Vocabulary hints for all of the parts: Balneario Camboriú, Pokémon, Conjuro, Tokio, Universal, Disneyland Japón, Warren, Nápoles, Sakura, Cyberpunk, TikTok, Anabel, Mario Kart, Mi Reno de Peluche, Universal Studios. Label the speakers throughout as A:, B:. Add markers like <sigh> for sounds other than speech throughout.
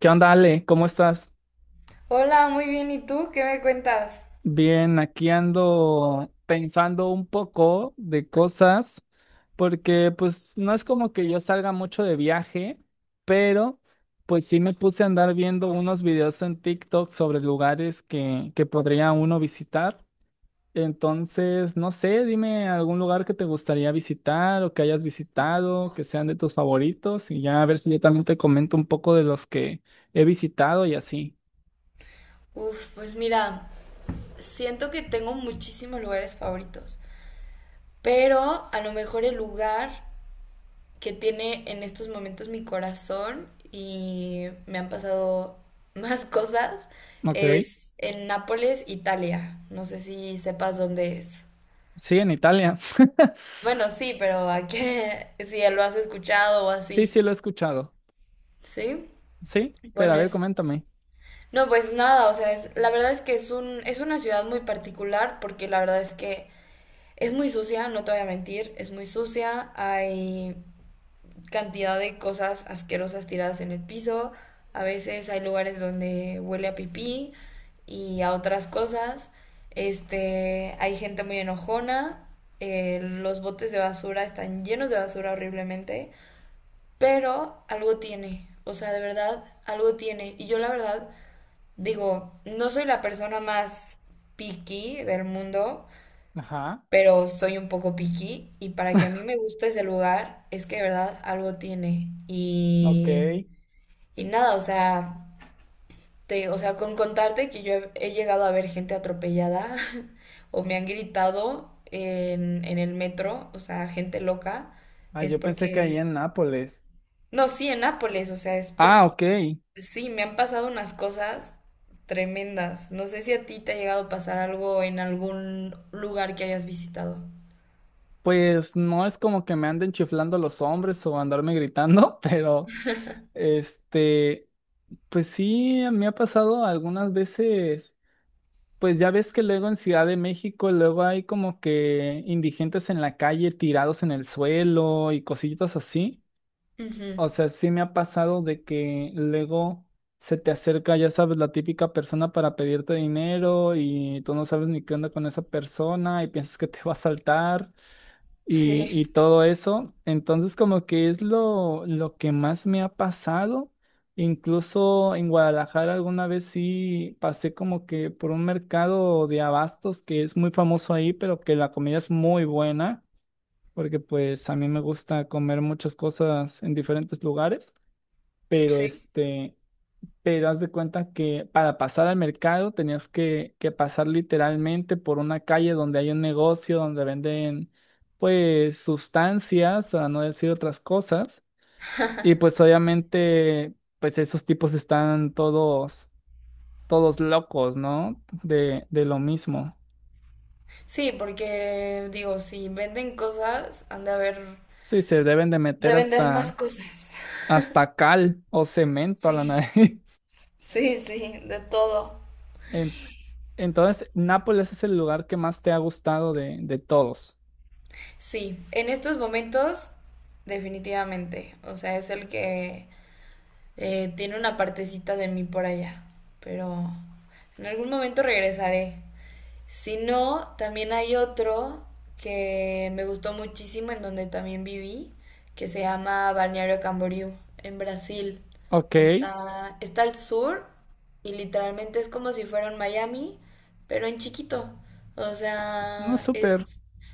A: ¿Qué onda, Ale? ¿Cómo estás?
B: Hola, muy bien. ¿Y tú qué me cuentas?
A: Bien, aquí ando pensando un poco de cosas, porque pues no es como que yo salga mucho de viaje, pero pues sí me puse a andar viendo unos videos en TikTok sobre lugares que podría uno visitar. Entonces, no sé, dime algún lugar que te gustaría visitar o que hayas visitado, que sean de tus favoritos, y ya a ver si yo también te comento un poco de los que he visitado y así.
B: Uf, pues mira, siento que tengo muchísimos lugares favoritos, pero a lo mejor el lugar que tiene en estos momentos mi corazón y me han pasado <laughs> más cosas
A: Ok.
B: es en Nápoles, Italia. No sé si sepas dónde es.
A: Sí, en Italia. <laughs>
B: Bueno, sí, pero a qué, <laughs> si lo has escuchado o
A: Sí,
B: así.
A: sí, lo he escuchado.
B: ¿Sí?
A: Sí, pero
B: Bueno,
A: a ver,
B: es
A: coméntame.
B: No, pues nada, o sea, la verdad es que es una ciudad muy particular porque la verdad es que es muy sucia, no te voy a mentir, es muy sucia, hay cantidad de cosas asquerosas tiradas en el piso, a veces hay lugares donde huele a pipí y a otras cosas, hay gente muy enojona, los botes de basura están llenos de basura horriblemente, pero algo tiene, o sea, de verdad, algo tiene. Y yo la verdad Digo, no soy la persona más picky del mundo,
A: Ajá,
B: pero soy un poco picky y para que a mí me guste ese lugar es que de verdad algo tiene.
A: ok.
B: Y nada, o sea, o sea, con contarte que he llegado a ver gente atropellada <laughs> o me han gritado en el metro, o sea, gente loca,
A: Ah,
B: es
A: yo pensé que ahí
B: porque...
A: en Nápoles.
B: No, sí, en Nápoles, o sea, es
A: Ah,
B: porque
A: ok.
B: sí, me han pasado unas cosas tremendas. No sé si a ti te ha llegado a pasar algo en algún lugar que hayas visitado.
A: Pues no es como que me anden chiflando los hombres o andarme gritando, <laughs> pero este, pues sí, me ha pasado algunas veces. Pues ya ves que luego en Ciudad de México, luego hay como que indigentes en la calle tirados en el suelo y cositas así.
B: Ujú.
A: O sea, sí me ha pasado de que luego se te acerca, ya sabes, la típica persona para pedirte dinero y tú no sabes ni qué onda con esa persona y piensas que te va a saltar
B: Sí,
A: y todo eso. Entonces, como que es lo que más me ha pasado. Incluso en Guadalajara alguna vez sí pasé como que por un mercado de abastos que es muy famoso ahí, pero que la comida es muy buena, porque pues a mí me gusta comer muchas cosas en diferentes lugares pero
B: sí.
A: este, pero haz de cuenta que para pasar al mercado tenías que pasar literalmente por una calle donde hay un negocio donde venden pues sustancias, para no decir otras cosas, y pues obviamente pues esos tipos están todos locos, ¿no? De lo mismo.
B: Sí, porque digo, si venden cosas, han de haber,
A: Sí, se deben de
B: de
A: meter
B: vender más
A: hasta
B: cosas.
A: hasta cal o cemento a la <laughs>
B: Sí,
A: nariz.
B: sí, sí, de todo.
A: En- Entonces, Nápoles es el lugar que más te ha gustado de todos.
B: Sí, en estos momentos, definitivamente. O sea, es el que tiene una partecita de mí por allá. Pero en algún momento regresaré. Si no, también hay otro que me gustó muchísimo, en donde también viví, que se llama Balneario Camboriú, en Brasil.
A: Ok,
B: Está al sur y literalmente es como si fuera un Miami, pero en chiquito. O
A: no,
B: sea, es,
A: súper,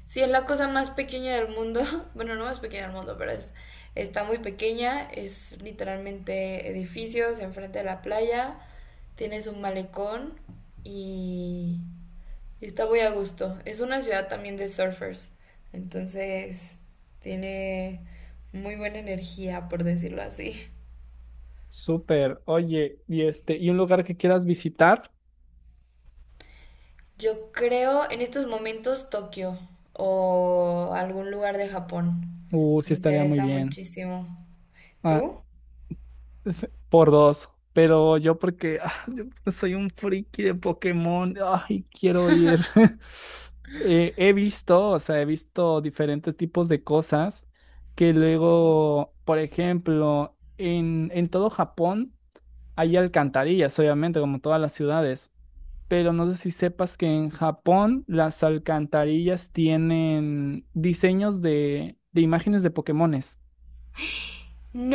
B: sí, es la cosa más pequeña del mundo. <laughs> Bueno, no más pequeña del mundo, está muy pequeña. Es literalmente edificios enfrente de la playa. Tienes un malecón y y está muy a gusto. Es una ciudad también de surfers. Entonces, tiene muy buena energía, por decirlo así.
A: súper. Oye, y este, y un lugar que quieras visitar,
B: Yo creo en estos momentos Tokio o algún lugar de Japón.
A: sí
B: Me
A: estaría muy
B: interesa
A: bien.
B: muchísimo.
A: Ah,
B: ¿Tú?
A: por dos, pero yo porque ah, yo soy un friki de Pokémon, ay, quiero ir. <laughs> He visto, o sea, he visto diferentes tipos de cosas que luego, por ejemplo, en todo Japón hay alcantarillas, obviamente, como todas las ciudades. Pero no sé si sepas que en Japón las alcantarillas tienen diseños de imágenes de Pokémones.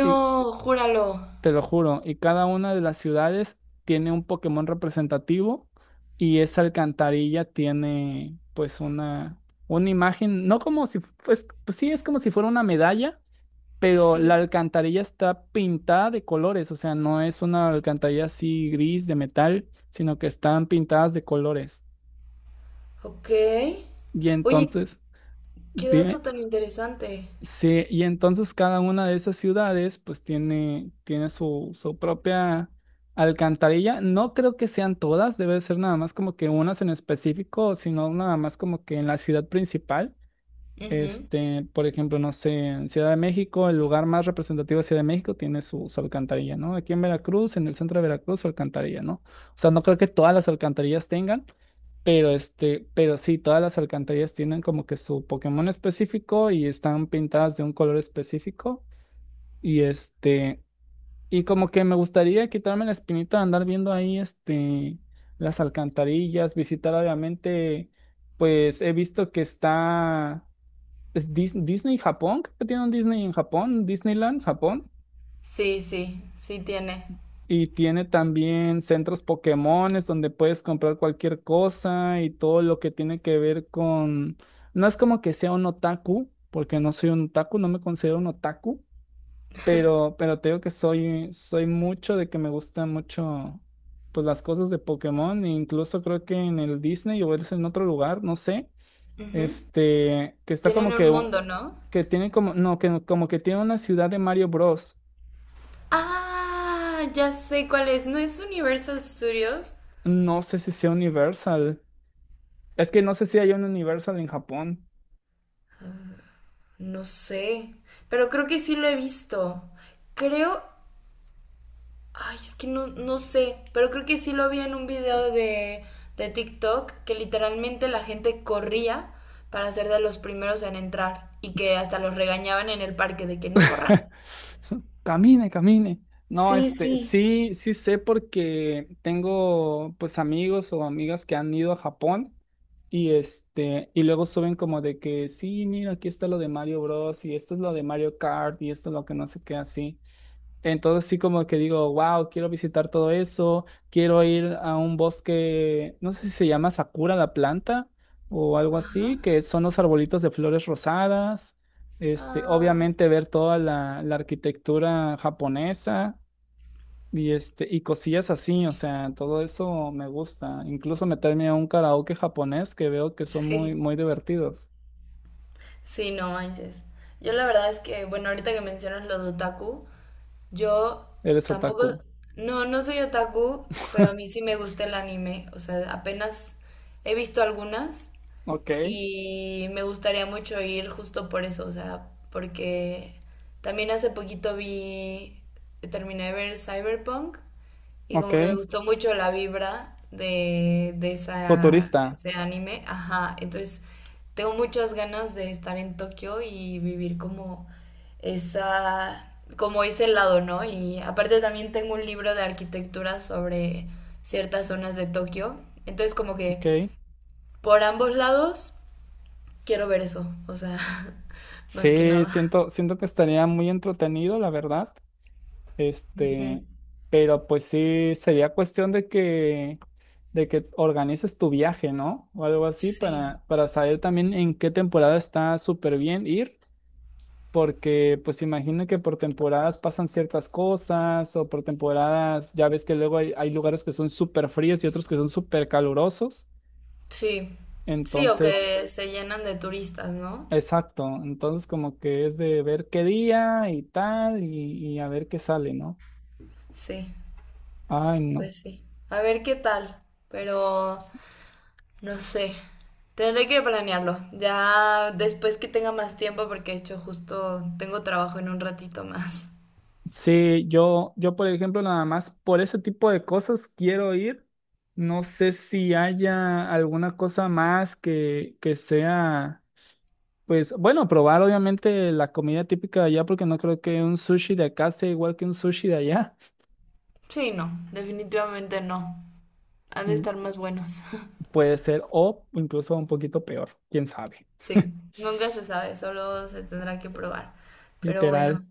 A: Y
B: júralo.
A: te lo juro, y cada una de las ciudades tiene un Pokémon representativo y esa alcantarilla tiene pues una imagen, no como si, pues, pues sí, es como si fuera una medalla. Pero la
B: Sí.
A: alcantarilla está pintada de colores, o sea, no es una alcantarilla así gris de metal, sino que están pintadas de colores.
B: Ok.
A: Y
B: Oye,
A: entonces,
B: qué dato
A: dime.
B: tan interesante.
A: Sí, y entonces cada una de esas ciudades pues tiene, tiene su, su propia alcantarilla. No creo que sean todas, debe ser nada más como que unas en específico, sino nada más como que en la ciudad principal.
B: Ujú.
A: Este, por ejemplo, no sé, en Ciudad de México, el lugar más representativo de Ciudad de México tiene su, su alcantarilla, ¿no? Aquí en Veracruz, en el centro de Veracruz, su alcantarilla, ¿no? O sea, no creo que todas las alcantarillas tengan, pero este, pero sí, todas las alcantarillas tienen como que su Pokémon específico y están pintadas de un color específico. Y este, y como que me gustaría quitarme la espinita de andar viendo ahí este las alcantarillas, visitar obviamente, pues he visto que está es Disney Japón, creo que tiene un Disney en Japón, Disneyland Japón.
B: Sí, sí, sí tiene.
A: Y tiene también centros Pokémones donde puedes comprar cualquier cosa y todo lo que tiene que ver con... No es como que sea un otaku, porque no soy un otaku, no me considero un otaku, pero te digo que soy, soy mucho de que me gustan mucho pues las cosas de Pokémon, e incluso creo que en el Disney o es en otro lugar, no sé,
B: Ujú.
A: este, que está
B: Tienen
A: como que,
B: un mundo, ¿no?
A: que tiene como, no, que como que tiene una ciudad de Mario Bros.
B: Ah, ya sé cuál es. ¿No es Universal Studios?
A: No sé si sea Universal. Es que no sé si hay un Universal en Japón.
B: No sé, pero creo que sí lo he visto. Creo... Ay, es que no, no sé, pero creo que sí lo vi en un video de TikTok que literalmente la gente corría para ser de los primeros en entrar y que hasta los regañaban en el parque de que no
A: <laughs>
B: corran.
A: Camine, camine. No,
B: Sí,
A: este,
B: sí.
A: sí, sí sé porque tengo pues amigos o amigas que han ido a Japón y este, y luego suben como de que sí, mira, aquí está lo de Mario Bros. Y esto es lo de Mario Kart y esto es lo que no sé qué así. Entonces sí como que digo, wow, quiero visitar todo eso, quiero ir a un bosque, no sé si se llama Sakura la planta o algo así, que son los arbolitos de flores rosadas, este,
B: Ah,
A: obviamente ver toda la arquitectura japonesa y este, y cosillas así, o sea, todo eso me gusta. Incluso meterme a un karaoke japonés que veo que
B: <laughs>
A: son muy,
B: sí,
A: muy divertidos.
B: sí, no manches. Yo la verdad es que, bueno, ahorita que mencionas lo de otaku, yo
A: Eres
B: tampoco,
A: otaku.
B: no, no soy otaku, pero a mí
A: <laughs>
B: sí me gusta el anime. O sea, apenas he visto algunas
A: Ok,
B: y me gustaría mucho ir justo por eso. O sea, porque también hace poquito terminé de ver Cyberpunk y
A: ok,
B: como que me gustó mucho la vibra de esa,
A: futurista,
B: ese anime. Ajá, entonces tengo muchas ganas de estar en Tokio y vivir como esa, como ese lado, ¿no? Y aparte también tengo un libro de arquitectura sobre ciertas zonas de Tokio. Entonces como que
A: ok.
B: por ambos lados quiero ver eso, o sea, <laughs> más que
A: Sí,
B: nada.
A: siento, siento que estaría muy entretenido, la verdad.
B: Ujú.
A: Este, pero pues sí, sería cuestión de que organices tu viaje, ¿no? O algo así
B: Sí,
A: para saber también en qué temporada está súper bien ir, porque pues imagino que por temporadas pasan ciertas cosas o por temporadas, ya ves que luego hay, hay lugares que son súper fríos y otros que son súper calurosos.
B: sí, sí, o
A: Entonces...
B: que se llenan de turistas, ¿no?
A: Exacto, entonces como que es de ver qué día y tal y a ver qué sale, ¿no?
B: Sí.
A: Ay, no.
B: Pues sí. A ver qué tal.
A: S-
B: Pero
A: s- s-
B: no sé. Tendré que planearlo. Ya después que tenga más tiempo, porque de hecho justo tengo trabajo en un ratito más.
A: Sí, yo por ejemplo nada más por ese tipo de cosas quiero ir. No sé si haya alguna cosa más que sea, pues bueno, probar obviamente la comida típica de allá porque no creo que un sushi de acá sea igual que un sushi de allá.
B: Sí, no. Definitivamente no. Han de
A: Mm,
B: estar más buenos. <laughs>
A: puede ser o incluso un poquito peor, quién sabe.
B: Sí.
A: <laughs>
B: Nunca se sabe. Solo se tendrá que probar. Pero
A: Literal.
B: bueno.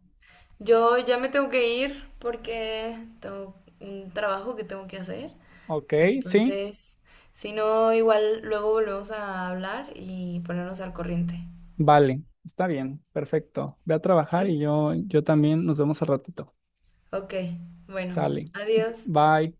B: Yo ya me tengo que ir porque tengo un trabajo que tengo que hacer.
A: Ok, sí,
B: Entonces, si no, igual luego volvemos a hablar y ponernos al corriente.
A: vale, está bien, perfecto. Ve a trabajar y
B: Sí.
A: yo también nos vemos al ratito.
B: Ok, bueno,
A: Sale.
B: adiós.
A: Bye.